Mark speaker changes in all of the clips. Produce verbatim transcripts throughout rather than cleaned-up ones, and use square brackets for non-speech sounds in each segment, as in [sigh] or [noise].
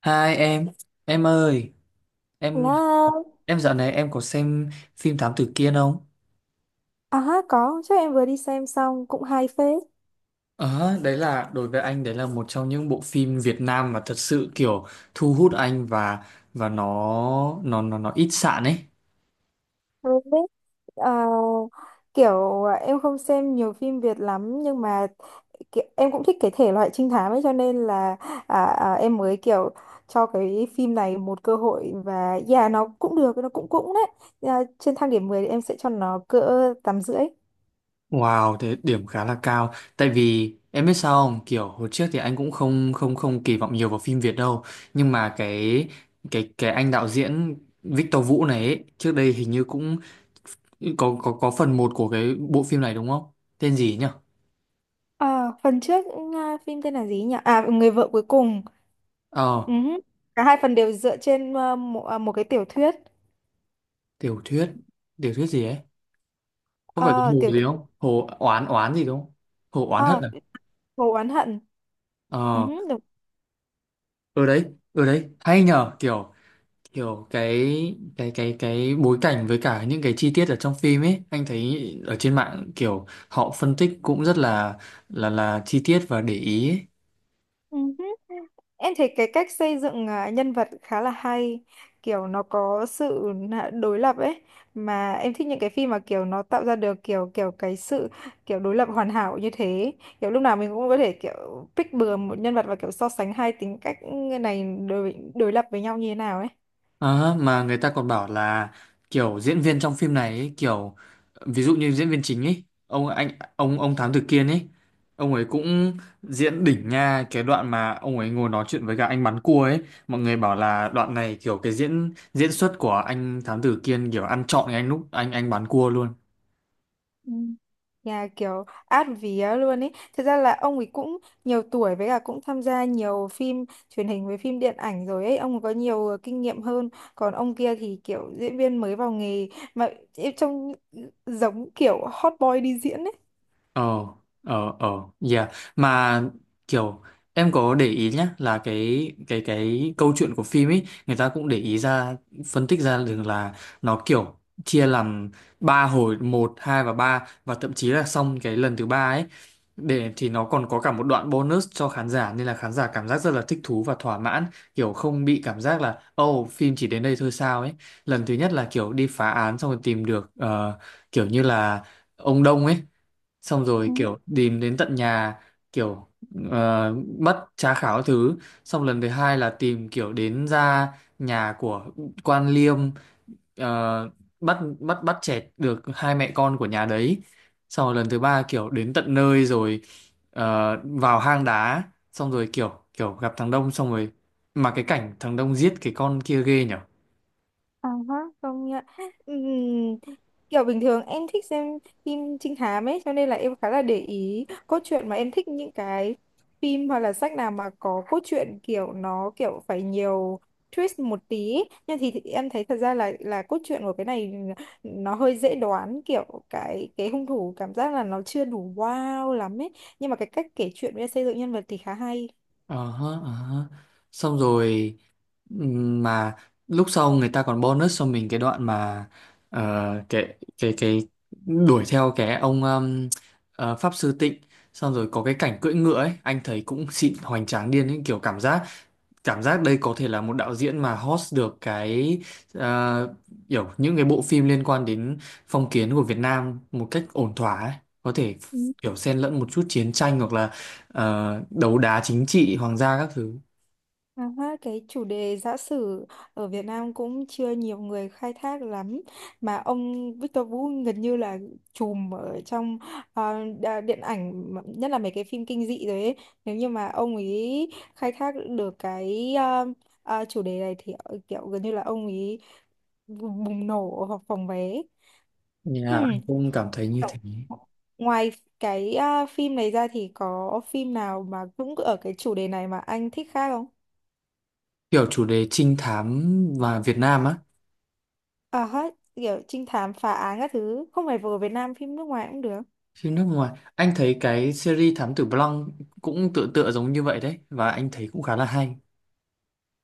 Speaker 1: Hai em, em ơi, em
Speaker 2: Là
Speaker 1: em dạo này em có xem phim Thám Tử Kiên không?
Speaker 2: à có chắc em vừa đi xem xong cũng hay phết.
Speaker 1: Ờ, đấy là đối với anh đấy là một trong những bộ phim Việt Nam mà thật sự kiểu thu hút anh và và nó nó nó nó ít sạn ấy.
Speaker 2: Rồi biết ờ, kiểu em không xem nhiều phim Việt lắm, nhưng mà kiểu, em cũng thích cái thể loại trinh thám ấy, cho nên là à, à, em mới kiểu cho cái phim này một cơ hội. Và yeah, nó cũng được, nó cũng cũng đấy. À, trên thang điểm mười thì em sẽ cho nó cỡ tám rưỡi.
Speaker 1: Wow, thế điểm khá là cao. Tại vì em biết sao không, kiểu hồi trước thì anh cũng không không không kỳ vọng nhiều vào phim Việt đâu, nhưng mà cái cái cái anh đạo diễn Victor Vũ này ấy, trước đây hình như cũng có có có phần một của cái bộ phim này đúng không? Tên gì nhỉ?
Speaker 2: À, phần trước, à, phim tên là gì nhỉ, à, người vợ cuối cùng.
Speaker 1: Ờ,
Speaker 2: Uh, cả hai phần đều dựa trên à, một, à, một cái tiểu thuyết.
Speaker 1: tiểu thuyết, tiểu thuyết gì ấy? Có phải cái
Speaker 2: Ờ,
Speaker 1: hồ
Speaker 2: tiểu
Speaker 1: gì không? Hồ oán oán gì đúng không? Hồ oán hận à?
Speaker 2: thuyết Vụ oán hận. Ừ,
Speaker 1: Ờ,
Speaker 2: đúng.
Speaker 1: ở đấy, ở đấy, hay nhờ, kiểu kiểu cái cái cái cái bối cảnh với cả những cái chi tiết ở trong phim ấy, anh thấy ở trên mạng kiểu họ phân tích cũng rất là là là chi tiết và để ý ấy.
Speaker 2: Ừ, em thấy cái cách xây dựng à, nhân vật khá là hay, kiểu nó có sự nạ- đối lập ấy, mà em thích những cái phim mà kiểu nó tạo ra được kiểu kiểu cái sự kiểu đối lập hoàn hảo như thế. Kiểu lúc nào mình cũng có thể kiểu pick bừa một nhân vật và kiểu so sánh hai tính cách, ừ, này đối đối lập với nhau như thế nào ấy.
Speaker 1: Ờ, mà người ta còn bảo là kiểu diễn viên trong phim này ấy, kiểu ví dụ như diễn viên chính ấy ông anh ông ông Thám Tử Kiên ấy ông ấy cũng diễn đỉnh nha cái đoạn mà ông ấy ngồi nói chuyện với cả anh bán cua ấy mọi người bảo là đoạn này kiểu cái diễn diễn xuất của anh Thám Tử Kiên kiểu ăn trọn cái anh lúc anh anh bán cua luôn.
Speaker 2: Ừ. Nhà kiểu át vía luôn ấy. Thật ra là ông ấy cũng nhiều tuổi, với cả cũng tham gia nhiều phim truyền hình với phim điện ảnh rồi ấy. Ông ấy có nhiều ờ, kinh nghiệm hơn. Còn ông kia thì kiểu diễn viên mới vào nghề, mà trông giống kiểu hot boy đi diễn ấy.
Speaker 1: Ờ, ờ, ờ, yeah. Mà kiểu em có để ý nhá là cái cái cái câu chuyện của phim ấy người ta cũng để ý ra phân tích ra được là nó kiểu chia làm ba hồi một hai và ba và thậm chí là xong cái lần thứ ba ấy để thì nó còn có cả một đoạn bonus cho khán giả nên là khán giả cảm giác rất là thích thú và thỏa mãn kiểu không bị cảm giác là oh phim chỉ đến đây thôi sao ấy lần thứ nhất là kiểu đi phá án xong rồi tìm được ờ, kiểu như là ông Đông ấy xong rồi
Speaker 2: Ừ.
Speaker 1: kiểu tìm đến tận nhà kiểu ờ, bắt tra khảo các thứ xong lần thứ hai là tìm kiểu đến ra nhà của quan liêm, ờ, bắt bắt bắt chẹt được hai mẹ con của nhà đấy xong rồi lần thứ ba kiểu đến tận nơi rồi ờ, vào hang đá xong rồi kiểu kiểu gặp thằng Đông xong rồi mà cái cảnh thằng Đông giết cái con kia ghê nhở.
Speaker 2: À, hả, công nhận. Ừm, Kiểu bình thường em thích xem phim trinh thám ấy, cho nên là em khá là để ý cốt truyện, mà em thích những cái phim hoặc là sách nào mà có cốt truyện kiểu nó kiểu phải nhiều twist một tí ấy. Nhưng thì, thì em thấy thật ra là là cốt truyện của cái này nó hơi dễ đoán, kiểu cái cái hung thủ cảm giác là nó chưa đủ wow lắm ấy. Nhưng mà cái cách kể chuyện với xây dựng nhân vật thì khá hay.
Speaker 1: Ờ hớ, ờ hớ, xong rồi. Ừm, mà lúc sau người ta còn bonus cho mình cái đoạn mà ờ, cái cái cái đuổi theo cái ông um, ờ, pháp sư Tịnh xong rồi có cái cảnh cưỡi ngựa ấy anh thấy cũng [laughs] xịn hoành tráng điên ấy kiểu cảm giác cảm giác đây có thể là một đạo diễn mà host được cái ờ, kiểu những cái bộ phim liên quan đến phong kiến của Việt Nam một cách ổn thỏa ấy có thể kiểu xen lẫn một chút chiến tranh hoặc là ờ, đấu đá chính trị hoàng gia các thứ.
Speaker 2: À, ha, cái chủ đề giã sử ở Việt Nam cũng chưa nhiều người khai thác lắm, mà ông Victor Vũ gần như là trùm ở trong, ờ, đa- điện ảnh mà, nhất là mấy cái phim kinh dị rồi ấy. Nếu như mà ông ấy khai thác được cái ờ, ờ, chủ đề này thì, ờ, kiểu gần như là ông ấy bùng nổ hoặc phòng vé.
Speaker 1: Nhà
Speaker 2: Hmm.
Speaker 1: anh cũng cảm thấy như thế.
Speaker 2: Kiểu, ngoài cái ờ, phim này ra thì có phim nào mà cũng ở cái chủ đề này mà anh thích khác không?
Speaker 1: Kiểu chủ đề trinh thám và Việt Nam á,
Speaker 2: Ờ hết kiểu trinh thám phá án các thứ, không phải vừa Việt Nam, phim nước ngoài cũng được.
Speaker 1: phim nước ngoài anh thấy cái series Thám Tử Blanc cũng tựa tựa giống như vậy đấy và anh thấy cũng khá là hay.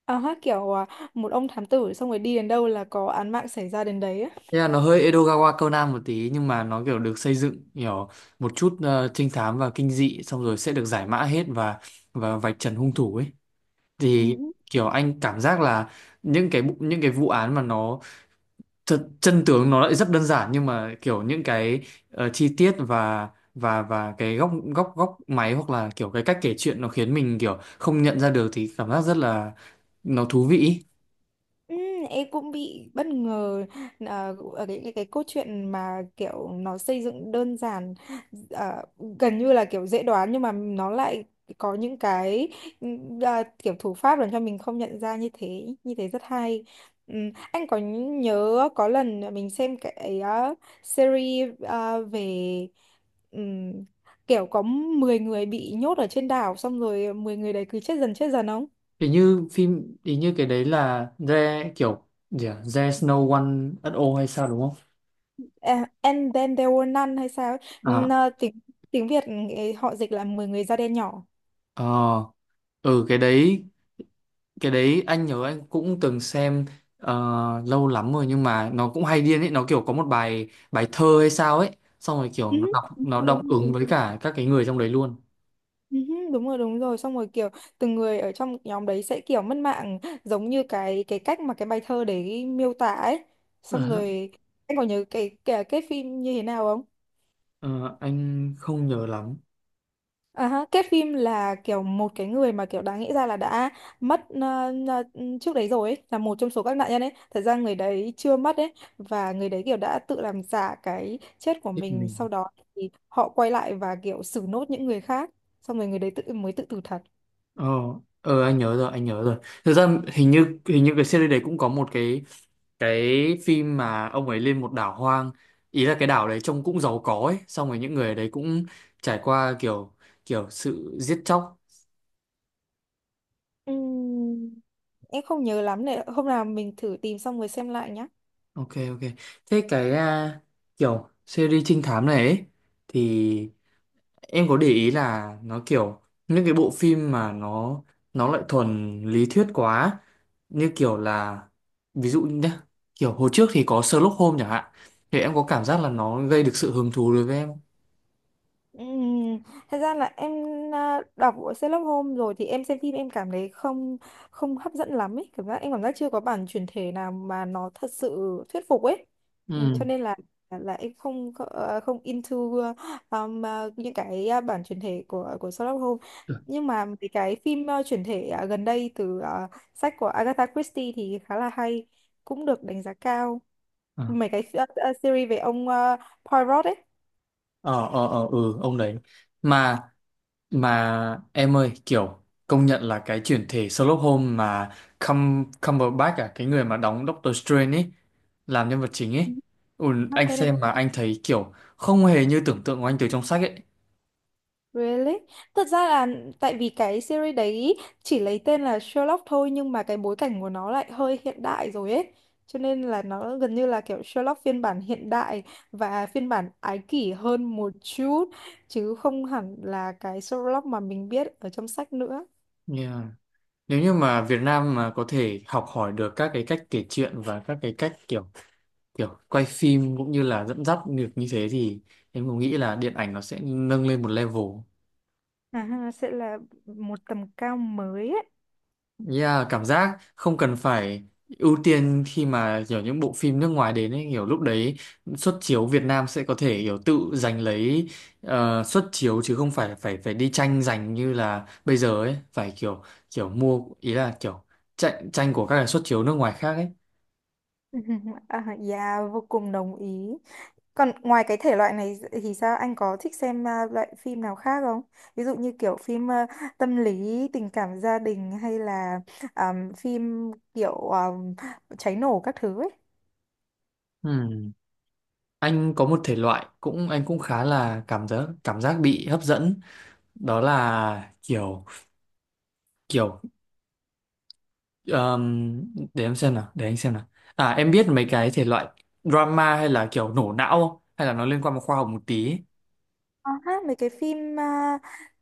Speaker 2: Ờ hết kiểu à, một ông thám tử xong rồi đi đến đâu là có án mạng xảy ra đến đấy á.
Speaker 1: Thế là nó hơi Edogawa Conan một tí nhưng mà nó kiểu được xây dựng kiểu một chút ờ, trinh thám và kinh dị xong rồi sẽ được giải mã hết và và vạch trần hung thủ ấy
Speaker 2: Ừ.
Speaker 1: thì kiểu anh cảm giác là những cái bu- những cái vụ án mà nó Thật, chân tướng nó lại rất đơn giản nhưng mà kiểu những cái ờ, chi tiết và và và cái góc góc góc máy hoặc là kiểu cái cách kể chuyện nó khiến mình kiểu không nhận ra được thì cảm giác rất là nó thú vị ý.
Speaker 2: Ừ, em cũng bị bất ngờ ờ, ở cái, cái cái cốt truyện mà kiểu nó xây dựng đơn giản, ờ, gần như là kiểu dễ đoán, nhưng mà nó lại có những cái, ừ, à, kiểu thủ pháp làm cho mình không nhận ra, như thế như thế rất hay. Ừ, anh có nhớ có lần mình xem cái ờ, series ờ, về, ừm, kiểu có mười người bị nhốt ở trên đảo xong rồi mười người đấy cứ chết dần chết dần không?
Speaker 1: Thì như phim thì như cái đấy là The kiểu gì à? There's no one at all hay sao đúng không?
Speaker 2: À, and then there were none hay sao ấy.
Speaker 1: À,
Speaker 2: N- tiếng, tiếng Việt ấy, họ dịch là mười người da đen nhỏ.
Speaker 1: ờ, ừ, cái đấy cái đấy anh nhớ anh cũng từng xem ờ, lâu lắm rồi nhưng mà nó cũng hay điên ấy nó kiểu có một bài bài thơ hay sao ấy xong rồi kiểu
Speaker 2: Ừ,
Speaker 1: nó đọc
Speaker 2: đúng
Speaker 1: nó
Speaker 2: rồi,
Speaker 1: đọc
Speaker 2: đúng
Speaker 1: ứng với
Speaker 2: rồi.
Speaker 1: cả các cái người trong đấy luôn.
Speaker 2: Ừ, đúng rồi đúng rồi, xong rồi kiểu từng người ở trong nhóm đấy sẽ kiểu mất mạng giống như cái cái cách mà cái bài thơ đấy miêu tả ấy,
Speaker 1: Ờ,
Speaker 2: xong
Speaker 1: hả?
Speaker 2: rồi anh còn nhớ cái cái, cái phim như thế nào.
Speaker 1: Ờ, anh không nhớ lắm
Speaker 2: À, ha, kết phim là kiểu một cái người mà kiểu đáng nghĩ ra là đã mất ờ, ờ, trước đấy rồi ấy, là một trong số các nạn nhân ấy. Thật ra người đấy chưa mất ấy, và người đấy kiểu đã tự làm giả cái chết của
Speaker 1: thích
Speaker 2: mình.
Speaker 1: mình.
Speaker 2: Sau đó thì họ quay lại và kiểu xử nốt những người khác. Xong rồi người đấy tự mới tự tử thật.
Speaker 1: Ờ, ờ, anh nhớ rồi anh nhớ rồi, thực ra hình như hình như cái series đấy cũng có một cái cái phim mà ông ấy lên một đảo hoang ý là cái đảo đấy trông cũng giàu có ấy xong rồi những người ở đấy cũng trải qua kiểu kiểu sự giết chóc.
Speaker 2: Ừm, em không nhớ lắm này. Hôm nào mình thử tìm xong rồi xem lại nhá.
Speaker 1: Ok, ok. Thế cái à, kiểu series trinh thám này ấy, thì em có để ý là nó kiểu những cái bộ phim mà nó nó lại thuần lý thuyết quá như kiểu là ví dụ nhé kiểu hồi trước thì có Sherlock Holmes chẳng hạn thì em có cảm giác là nó gây được sự hứng thú đối với em không?
Speaker 2: Ừm, thật ra là em à, đọc của Sherlock Holmes rồi thì em xem phim em cảm thấy không không hấp dẫn lắm ấy, cảm giác em cảm giác chưa có bản chuyển thể nào mà nó thật sự thuyết phục ấy. Ừm,
Speaker 1: Ừ.
Speaker 2: cho nên là là em không có, ờ, không into um, à, những cái à, bản chuyển thể của của Sherlock Holmes.
Speaker 1: Được.
Speaker 2: Nhưng mà mấy cái phim à, chuyển thể, à, gần đây từ à, sách của Agatha Christie thì khá là hay, cũng được đánh giá cao.
Speaker 1: À.
Speaker 2: Mấy cái à, à, series về ông à, Poirot ấy.
Speaker 1: Ờ, ờ, ờ, ừ, ông đấy mà mà em ơi kiểu công nhận là cái chuyển thể Sherlock Holmes mà Cum Cumberbatch à cái người mà đóng Doctor Strange ấy làm nhân vật chính ấy
Speaker 2: Ừ.
Speaker 1: ừ, anh xem mà anh thấy kiểu không hề như tưởng tượng của anh từ trong sách ấy.
Speaker 2: Really? Thật ra là tại vì cái series đấy chỉ lấy tên là Sherlock thôi, nhưng mà cái bối cảnh của nó lại hơi hiện đại rồi ấy. Cho nên là nó gần như là kiểu Sherlock phiên bản hiện đại và phiên bản ái kỷ hơn một chút, chứ không hẳn là cái Sherlock mà mình biết ở trong sách nữa.
Speaker 1: Yeah. Nếu như mà Việt Nam mà có thể học hỏi được các cái cách kể chuyện và các cái cách kiểu kiểu quay phim cũng như là dẫn dắt được như thế thì em cũng nghĩ là điện ảnh nó sẽ nâng lên một level.
Speaker 2: À, ha, sẽ là một tầm cao mới ấy.
Speaker 1: Yeah, cảm giác không cần phải ưu tiên khi mà kiểu những bộ phim nước ngoài đến ấy, kiểu lúc đấy xuất chiếu Việt Nam sẽ có thể kiểu tự giành lấy ờ, suất chiếu chứ không phải phải phải đi tranh giành như là bây giờ ấy, phải kiểu kiểu mua ý là kiểu tranh tranh của các cái xuất chiếu nước ngoài khác ấy.
Speaker 2: [laughs] À, yeah, vô cùng đồng ý. Còn ngoài cái thể loại này thì sao, anh có thích xem à, loại phim nào khác không? Ví dụ như kiểu phim à, tâm lý, tình cảm gia đình, hay là àm, phim kiểu àm, cháy nổ các thứ ấy.
Speaker 1: Ừm, Anh có một thể loại cũng anh cũng khá là cảm giác cảm giác bị hấp dẫn đó là kiểu kiểu Ờm, để em xem nào, để anh xem nào. À em biết mấy cái thể loại drama hay là kiểu nổ não không? Hay là nó liên quan một khoa học một tí ấy?
Speaker 2: Có hát mấy cái phim à,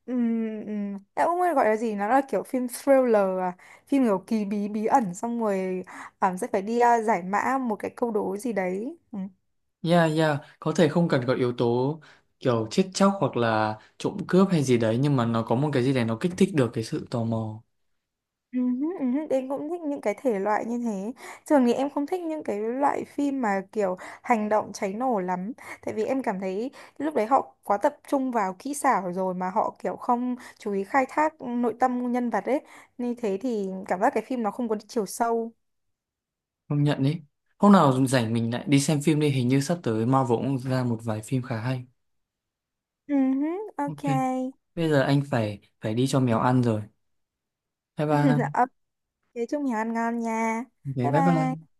Speaker 2: ừm, ừm, em không biết gọi là gì, nó là kiểu phim thriller, à, phim kiểu kỳ bí bí ẩn, xong rồi àm, sẽ phải đi à, giải mã một cái câu đố gì đấy. Ừ.
Speaker 1: Yeah, yeah, có thể không cần có yếu tố kiểu chết chóc hoặc là trộm cướp hay gì đấy nhưng mà nó có một cái gì đấy nó kích thích được cái sự tò mò.
Speaker 2: Ừ, hứ, ừ, hứ, em cũng thích những cái thể loại như thế. Thường thì em không thích những cái loại phim mà kiểu hành động cháy nổ lắm. Tại vì em cảm thấy lúc đấy họ quá tập trung vào kỹ xảo rồi, mà họ kiểu không chú ý khai thác nội tâm nhân vật ấy. Như thế thì cảm giác cái phim nó không có chiều sâu.
Speaker 1: Công nhận đấy. Hôm nào rảnh mình lại đi xem phim đi, hình như sắp tới Marvel cũng ra một vài phim khá hay.
Speaker 2: Ừ, hứ,
Speaker 1: Ok,
Speaker 2: ok.
Speaker 1: bây giờ anh phải phải đi cho mèo ăn rồi. Bye bye.
Speaker 2: [laughs] Ok, chúc mình ăn ngon nha.
Speaker 1: Ok,
Speaker 2: Bye
Speaker 1: bye bye.
Speaker 2: bye.